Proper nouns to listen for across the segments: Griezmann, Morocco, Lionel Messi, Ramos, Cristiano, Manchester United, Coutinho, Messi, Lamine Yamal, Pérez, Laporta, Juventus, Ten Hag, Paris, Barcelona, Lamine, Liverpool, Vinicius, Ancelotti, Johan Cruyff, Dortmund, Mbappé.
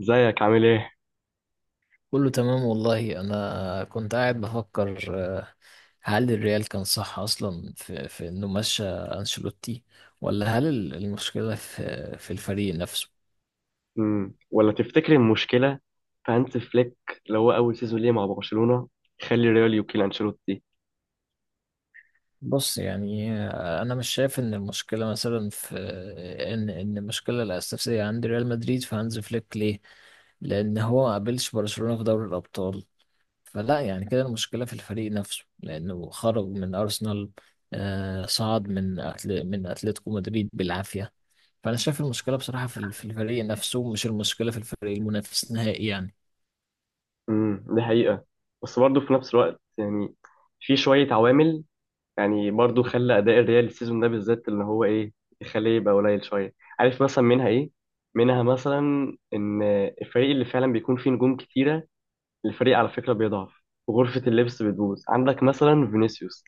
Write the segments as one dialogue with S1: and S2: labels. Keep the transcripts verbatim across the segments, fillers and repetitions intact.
S1: ازيك عامل ايه؟
S2: كله تمام والله، انا كنت قاعد بفكر. آه، هل الريال كان صح اصلا في, في انه مشى انشيلوتي، ولا هل ال- المشكله في في الفريق نفسه؟
S1: مم. ولا تفتكر المشكلة في هانز فليك اللي هو أول سيزون ليه مع برشلونة يخلي ريال يوكيل أنشيلوتي.
S2: بص يعني، آه، انا مش شايف ان المشكله مثلا في آه، ان ان المشكله الاساسيه عند ريال مدريد في هانز فليك، ليه؟ لان هو ما قابلش برشلونه في دوري الابطال. فلا يعني كده المشكله في الفريق نفسه، لانه خرج من ارسنال، آه، صعد من أتل... من اتلتيكو مدريد بالعافيه. فانا شايف المشكله بصراحه في ال- في الفريق نفسه، مش المشكله في الفريق المنافس نهائي يعني.
S1: امم دي حقيقة، بس برضه في نفس الوقت يعني في شوية عوامل يعني برضه خلى أداء الريال السيزون ده بالذات اللي هو ايه يخليه يبقى قليل شوية، عارف مثلا منها ايه؟ منها مثلا إن الفريق اللي فعلا بيكون فيه نجوم كتيرة الفريق على فكرة بيضعف، وغرفة اللبس بتبوظ. عندك مثلا فينيسيوس،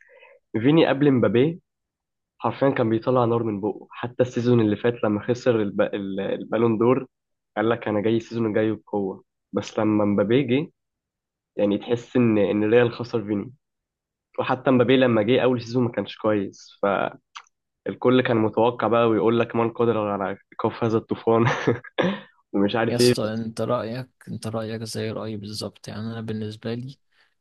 S1: فيني قبل مبابي حرفيا كان بيطلع نار من بقه، حتى السيزون اللي فات لما خسر الب... ال- البالون دور قال لك انا جاي السيزون الجاي بقوه. بس لما مبابي جه يعني تحس ان ان ريال خسر فيني، وحتى مبابي لما جه اول سيزون ما كانش كويس. فالكل كان متوقع بقى ويقول لك من قدر على كف هذا الطوفان ومش
S2: يا
S1: عارف ايه
S2: اسطى،
S1: بس.
S2: انت رايك انت رايك زي رايي بالظبط. يعني انا بالنسبه لي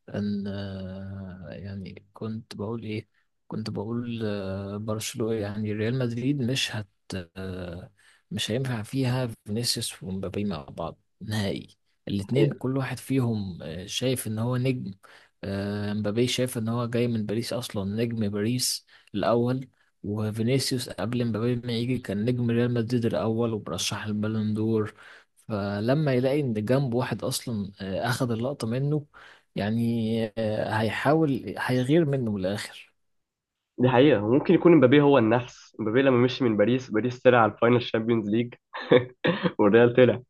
S2: ان، آه، يعني كنت بقول ايه، كنت بقول آه، برشلونة، يعني ريال مدريد مش هت آه، مش هينفع فيها فينيسيوس ومبابي مع بعض نهائي. الاتنين
S1: حقيقة.
S2: كل واحد فيهم آه، شايف ان هو نجم. آه، مبابي شايف ان هو جاي من باريس اصلا، نجم باريس الاول. وفينيسيوس قبل مبابي ما يجي كان نجم ريال مدريد الاول، وبرشح البالون دور. فلما يلاقي ان جنب واحد اصلا آه، اخذ اللقطة منه، يعني آه، هيحاول هيغير منه من الاخر.
S1: دي حقيقة، وممكن يكون مبابي هو النفس، مبابي لما مشي من باريس، باريس طلع على الفاينل الشامبيونز ليج والريال طلع.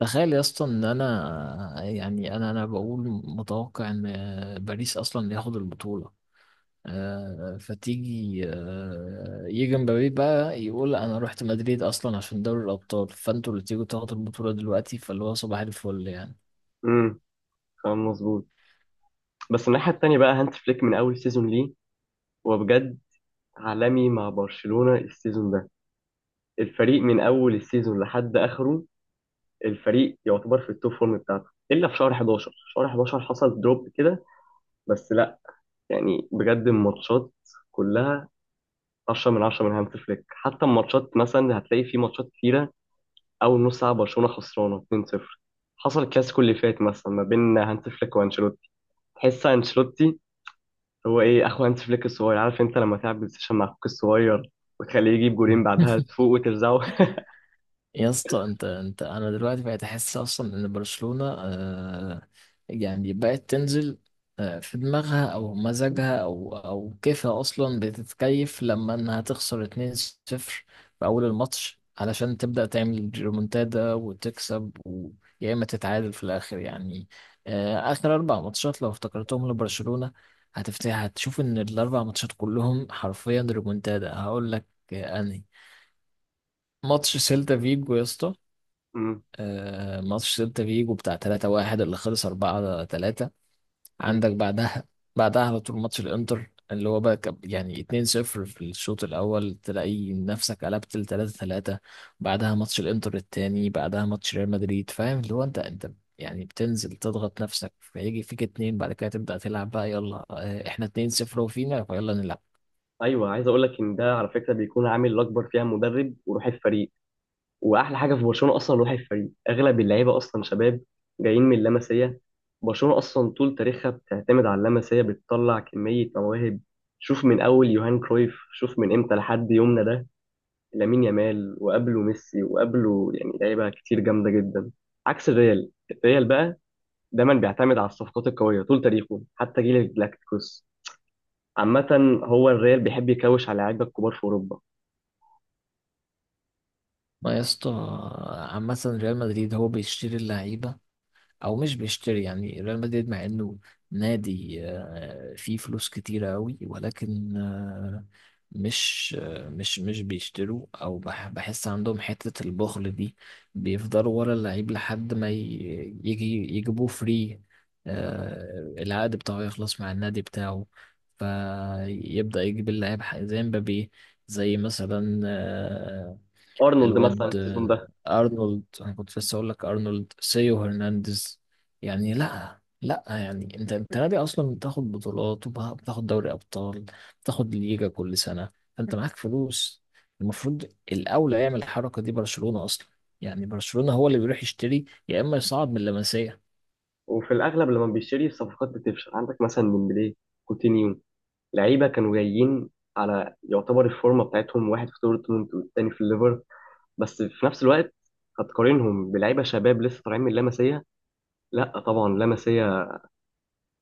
S2: تخيل يا اسطى ان انا، يعني انا انا بقول متوقع ان آه، باريس اصلا ياخد البطوله. آه، فتيجي آه، يجي مبابي بقى يقول انا رحت مدريد اصلا عشان دوري الابطال، فانتوا اللي تيجوا تاخدوا البطوله دلوقتي، فاللي هو صباح الفل يعني.
S1: امم كلام مظبوط. بس الناحية التانية بقى هانت فليك من أول سيزون ليه هو بجد عالمي مع برشلونة السيزون ده. الفريق من أول السيزون لحد آخره الفريق يعتبر في التوب فورم بتاعته إلا في شهر حداشر، شهر حداشر حصل دروب كده. بس لا، يعني بجد الماتشات كلها عشرة من عشرة من هانت فليك، حتى الماتشات مثلا هتلاقي في ماتشات كتيرة أول نص ساعة برشلونة خسرانة اثنين صفر. حصل الكلاسيكو اللي فات مثلا ما بين هانت فليك وانشيلوتي، تحس انشيلوتي هو ايه، اخو هانس فليك الصغير. عارف انت لما تلعب بلاي ستيشن مع اخوك الصغير وتخليه يجيب جولين بعدها تفوق وترزعه
S2: يا اسطى، انت انت انا دلوقتي بقيت احس اصلا ان برشلونة آه يعني بقت تنزل آه في دماغها او مزاجها او او كيفها، اصلا بتتكيف لما انها تخسر اتنين صفر في اول الماتش، علشان تبدأ تعمل ريمونتادا وتكسب، ويا اما تتعادل في الاخر يعني. آه، اخر اربع ماتشات لو افتكرتهم لبرشلونة، هتفتح هتشوف ان الاربع ماتشات كلهم حرفيا ريمونتادا. هقول لك آه، انهي ماتش؟ سيلتا فيجو يا اسطى.
S1: أمم،
S2: آه، ماتش سيلتا فيجو بتاع تلاتة واحد اللي خلص اربعة تلاتة.
S1: أمم.
S2: عندك بعدها، بعدها على طول ماتش الانتر اللي هو بقى كان- يعني اتنين صفر في الشوط الاول، تلاقي نفسك قلبت ل ثلاثة ثلاثة. بعدها ماتش الانتر التاني، بعدها ماتش ريال مدريد، فاهم؟ اللي هو انت انت يعني بتنزل تضغط نفسك، فيجي فيك اتنين، بعد كده تبدأ تلعب بقى، يلا آه، احنا اتنين صفر وفينا فيلا نلعب.
S1: ايوه عايز اقول لك ان ده على فكره بيكون عامل الاكبر فيها مدرب وروح الفريق، واحلى حاجه في برشلونه اصلا روح الفريق، اغلب اللعيبه اصلا شباب جايين من اللمسيه. برشلونه اصلا طول تاريخها بتعتمد على اللمسيه، بتطلع كميه مواهب. شوف من اول يوهان كرويف، شوف من امتى لحد يومنا ده لامين يامال وقبله ميسي وقبله يعني لعيبه كتير جامده جدا. عكس الريال، الريال بقى دايما بيعتمد على الصفقات القوية طول تاريخه حتى جيل الجلاكتيكوس. عامة هو الريال بيحب يكوش على لعيبة الكبار في أوروبا.
S2: ما يا اسطى، عامة ريال مدريد هو بيشتري اللعيبة او مش بيشتري. يعني ريال مدريد مع انه نادي آه، فيه فلوس كتيرة قوي، ولكن آه، مش آه، مش مش بيشتروا، او بح- بحس عندهم حتة البخل دي. بيفضلوا ورا اللعيب لحد ما ي- يجي يجيبوه فري، آه، العقد بتاعه يخلص مع النادي بتاعه، فيبدأ يجيب اللاعب. ح- زي مبابي، زي مثلا آه،
S1: أرنولد مثلا
S2: الواد
S1: السيزون
S2: آه،
S1: ده.
S2: ارنولد. انا كنت لسه اقول لك ارنولد سيو هرنانديز. يعني لا لا يعني انت انت نادي اصلا بتاخد بطولات وبتاخد دوري ابطال، بتاخد ليجا كل سنه، فانت معاك فلوس. المفروض الاولى يعمل الحركه دي برشلونه اصلا. يعني برشلونه هو اللي بيروح يشتري، يا اما يصعد من اللمسيه.
S1: وفي الأغلب لما بيشتري الصفقات بتفشل، عندك مثلا ديمبلي، كوتينيو، لعيبة كانوا جايين على يعتبر الفورمة بتاعتهم، واحد في دورتموند والتاني في الليفر. بس في نفس الوقت هتقارنهم بلعيبة شباب لسه طالعين من لاماسيا. لا طبعا لاماسيا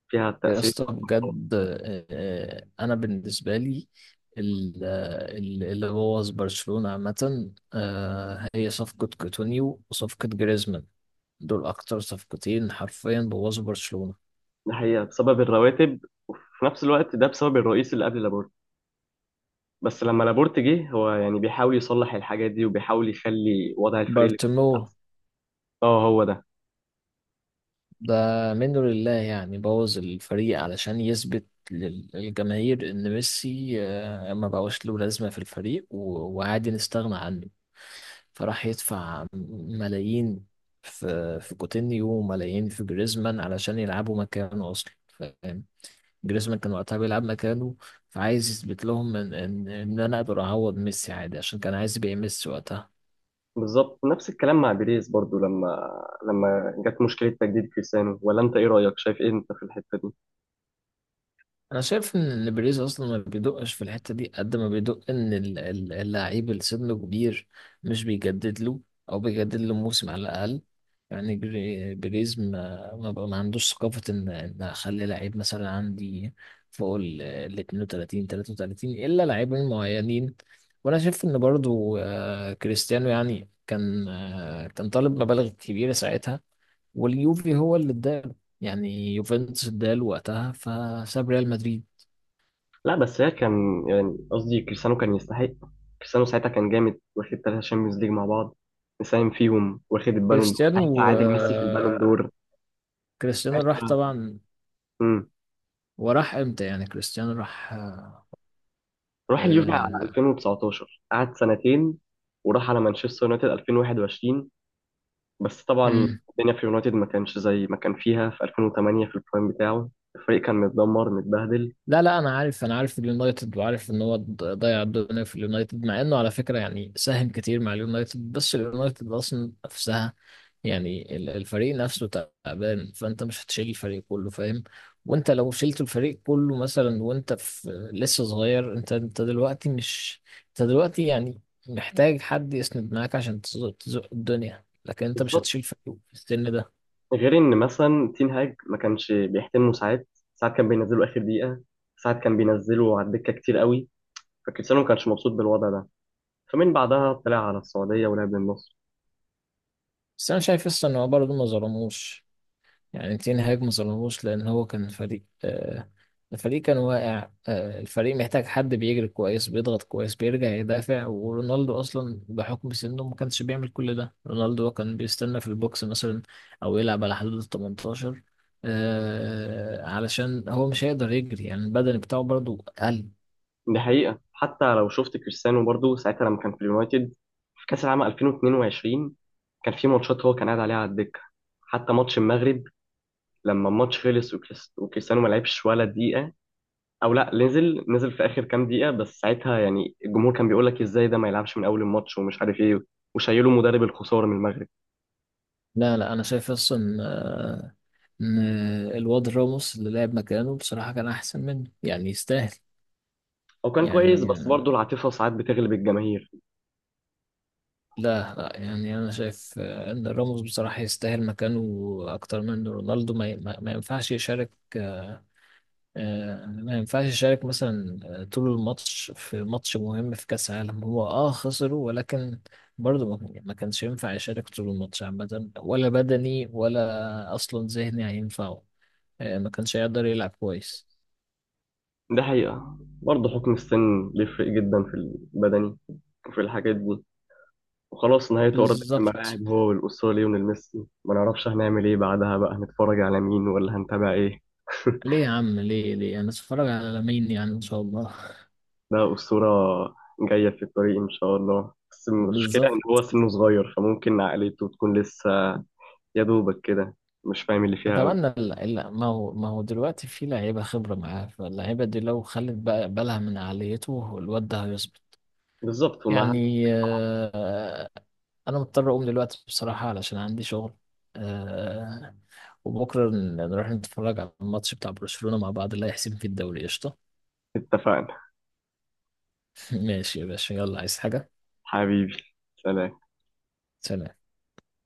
S1: فيها
S2: يا
S1: تأثير.
S2: اسطى بجد، آه، آه، انا بالنسبه لي ال- آه، ال- اللي بوظ برشلونه عامه آه، هي صفقه كوتونيو وصفقه جريزمان. دول اكتر صفقتين حرفيا بوظوا برشلونه.
S1: ده حقيقة بسبب الرواتب، في نفس الوقت ده بسبب الرئيس اللي قبل لابورتا. بس لما لابورت جه هو يعني بيحاول يصلح الحاجات دي وبيحاول يخلي وضع الفريق اللي
S2: بارتوميو
S1: احسن. اه هو ده.
S2: ده منه لله، يعني بوظ الفريق علشان يثبت لل- للجماهير ان ميسي آه، ما بقاش له لازمة في الفريق و- وعادي نستغنى عنه. فراح يدفع ملايين في في كوتينيو وملايين في جريزمان علشان يلعبوا مكانه اصلا، فاهم؟ جريزمان كان وقتها بيلعب مكانه، فعايز يثبت لهم ان ان ان انا اقدر اعوض ميسي عادي، عشان كان عايز يبيع ميسي وقتها.
S1: بالظبط نفس الكلام مع بيريز برضو، لما لما جت مشكله تجديد كريستيانو. ولا انت ايه رايك، شايف ايه انت في الحته دي؟
S2: انا شايف ان بريز اصلا ما بيدقش في الحته دي قد ما بيدق ان ال- ال- اللعيب اللي سنه كبير مش بيجدد له، او بيجدد له موسم على الاقل. يعني بري- بريز ما ما, بقى ما عندوش ثقافه ان ان اخلي لعيب مثلا عندي فوق ال ال اتنين وتلاتين تلاتة وتلاتين الا لاعبين معينين. وانا شايف ان برضو آه، كريستيانو يعني كان آه، كان طالب مبالغ كبيره ساعتها، واليوفي هو اللي اداله. يعني يوفنتوس اداله وقتها، فساب ريال مدريد.
S1: لا بس هي كان يعني قصدي كريستيانو كان يستحق. كريستيانو ساعتها كان جامد، واخد ثلاثه شامبيونز ليج مع بعض مساهم فيهم، واخد البالون دور ساعتها
S2: كريستيانو
S1: عادل ميسي في البالون
S2: آه،
S1: دور
S2: كريستيانو راح
S1: ساعتها.
S2: طبعا.
S1: امم
S2: وراح امتى يعني؟ كريستيانو راح، آه،
S1: راح اليوفي على
S2: آه،
S1: الفين وتسعتاشر قعد سنتين، وراح على مانشستر يونايتد الفين وواحد وعشرين. بس طبعا
S2: مم.
S1: الدنيا في يونايتد ما كانش زي ما كان فيها في ألفين وثمانية في البرايم بتاعه. الفريق كان متدمر متبهدل.
S2: لا لا انا عارف، انا عارف اليونايتد، وعارف ان هو ض- ضيع الدنيا في اليونايتد. مع انه على فكره يعني ساهم كتير مع اليونايتد، بس اليونايتد اصلا نفسها، يعني ال- الفريق نفسه تعبان. فانت مش هتشيل الفريق كله فاهم. وانت لو شلت الفريق كله مثلا وانت في لسه صغير، انت انت دلوقتي مش انت دلوقتي يعني محتاج حد يسند معاك عشان تزق تزق الدنيا. لكن انت مش
S1: بالظبط،
S2: هتشيل فريق في السن ده.
S1: غير ان مثلا تين هاج ما كانش بيحترمه ساعات، ساعات كان بينزله اخر دقيقه، ساعات كان بينزله على الدكه كتير قوي. فكريستيانو ما كانش مبسوط بالوضع ده، فمن بعدها طلع على السعوديه ولعب للنصر.
S2: بس انا شايف لسه ان هو برضه ما ظلموش، يعني تين هاج ما ظلموش، لأن هو كان فريق آه الفريق كان واقع. آه الفريق محتاج حد بيجري كويس، بيضغط كويس، بيرجع يدافع، ورونالدو أصلا بحكم سنه ما كانش بيعمل كل ده. رونالدو كان بيستنى في البوكس مثلا، أو يلعب على حدود ال تمنتاشر، آه علشان هو مش هيقدر يجري، يعني البدني بتاعه برضو قل.
S1: دي حقيقه، حتى لو شفت كريستيانو برضو ساعتها لما كان في اليونايتد في كاس العالم الفين واتنين وعشرين كان في ماتشات هو كان قاعد عليها على الدكه. حتى ماتش المغرب لما الماتش خلص وكريس- وكريستيانو ما لعبش ولا دقيقة، او لا نزل، نزل في اخر كام دقيقة. بس ساعتها يعني الجمهور كان بيقول لك ازاي ده ما يلعبش من اول الماتش ومش عارف ايه، وشايله مدرب الخسارة من المغرب.
S2: لا لا أنا شايف أصلا آه إن الواد راموس اللي لعب مكانه بصراحة كان أحسن منه، يعني يستاهل.
S1: هو كان كويس
S2: يعني
S1: بس برضه العاطفة ساعات بتغلب الجماهير.
S2: لا لا يعني انا شايف آه، ان راموس بصراحه يستاهل مكانه اكتر من رونالدو. ما, ي- ما ما ينفعش يشارك، آه، ما ينفعش يشارك مثلا آه، طول الماتش في ماتش مهم في كأس العالم، هو اه خسره، ولكن برضه ما يعني ما كانش ينفع يشارك طول الماتش عامة. ولا بدني ولا أصلا ذهني هينفعه، آه، ما كانش هيقدر يلعب كويس.
S1: ده حقيقة، برضه حكم السن بيفرق جدا في البدني وفي الحاجات دي. وخلاص نهاية أرض في
S2: بالظبط.
S1: الملاعب هو والأسطورة ليونيل ميسي، ما نعرفش هنعمل ايه بعدها بقى، هنتفرج على مين ولا هنتابع ايه؟
S2: ليه يا عم؟ ليه ليه أنا أتفرج على لامين يعني إن شاء الله.
S1: ده أسطورة جاية في الطريق إن شاء الله، بس المشكلة إن
S2: بالظبط.
S1: هو سنه صغير فممكن عقليته تكون لسه يا دوبك كده مش فاهم اللي فيها
S2: طبعا
S1: أوي.
S2: ال- ال- ما هو ما هو دلوقتي في لعيبه خبره معاه، فاللعيبه دي لو خلت بقى بالها من عاليته، الواد ده هيظبط.
S1: بالظبط ومعاها.
S2: يعني آه، انا مضطر اقوم دلوقتي بصراحه علشان عندي شغل. آه، وبكره ن- نروح نتفرج على الماتش بتاع برشلونه مع بعض اللي هيحسم فيه الدوري، قشطه.
S1: اتفقنا.
S2: ماشي يا باشا، يلا. عايز حاجه؟
S1: حبيبي، سلام.
S2: سلام.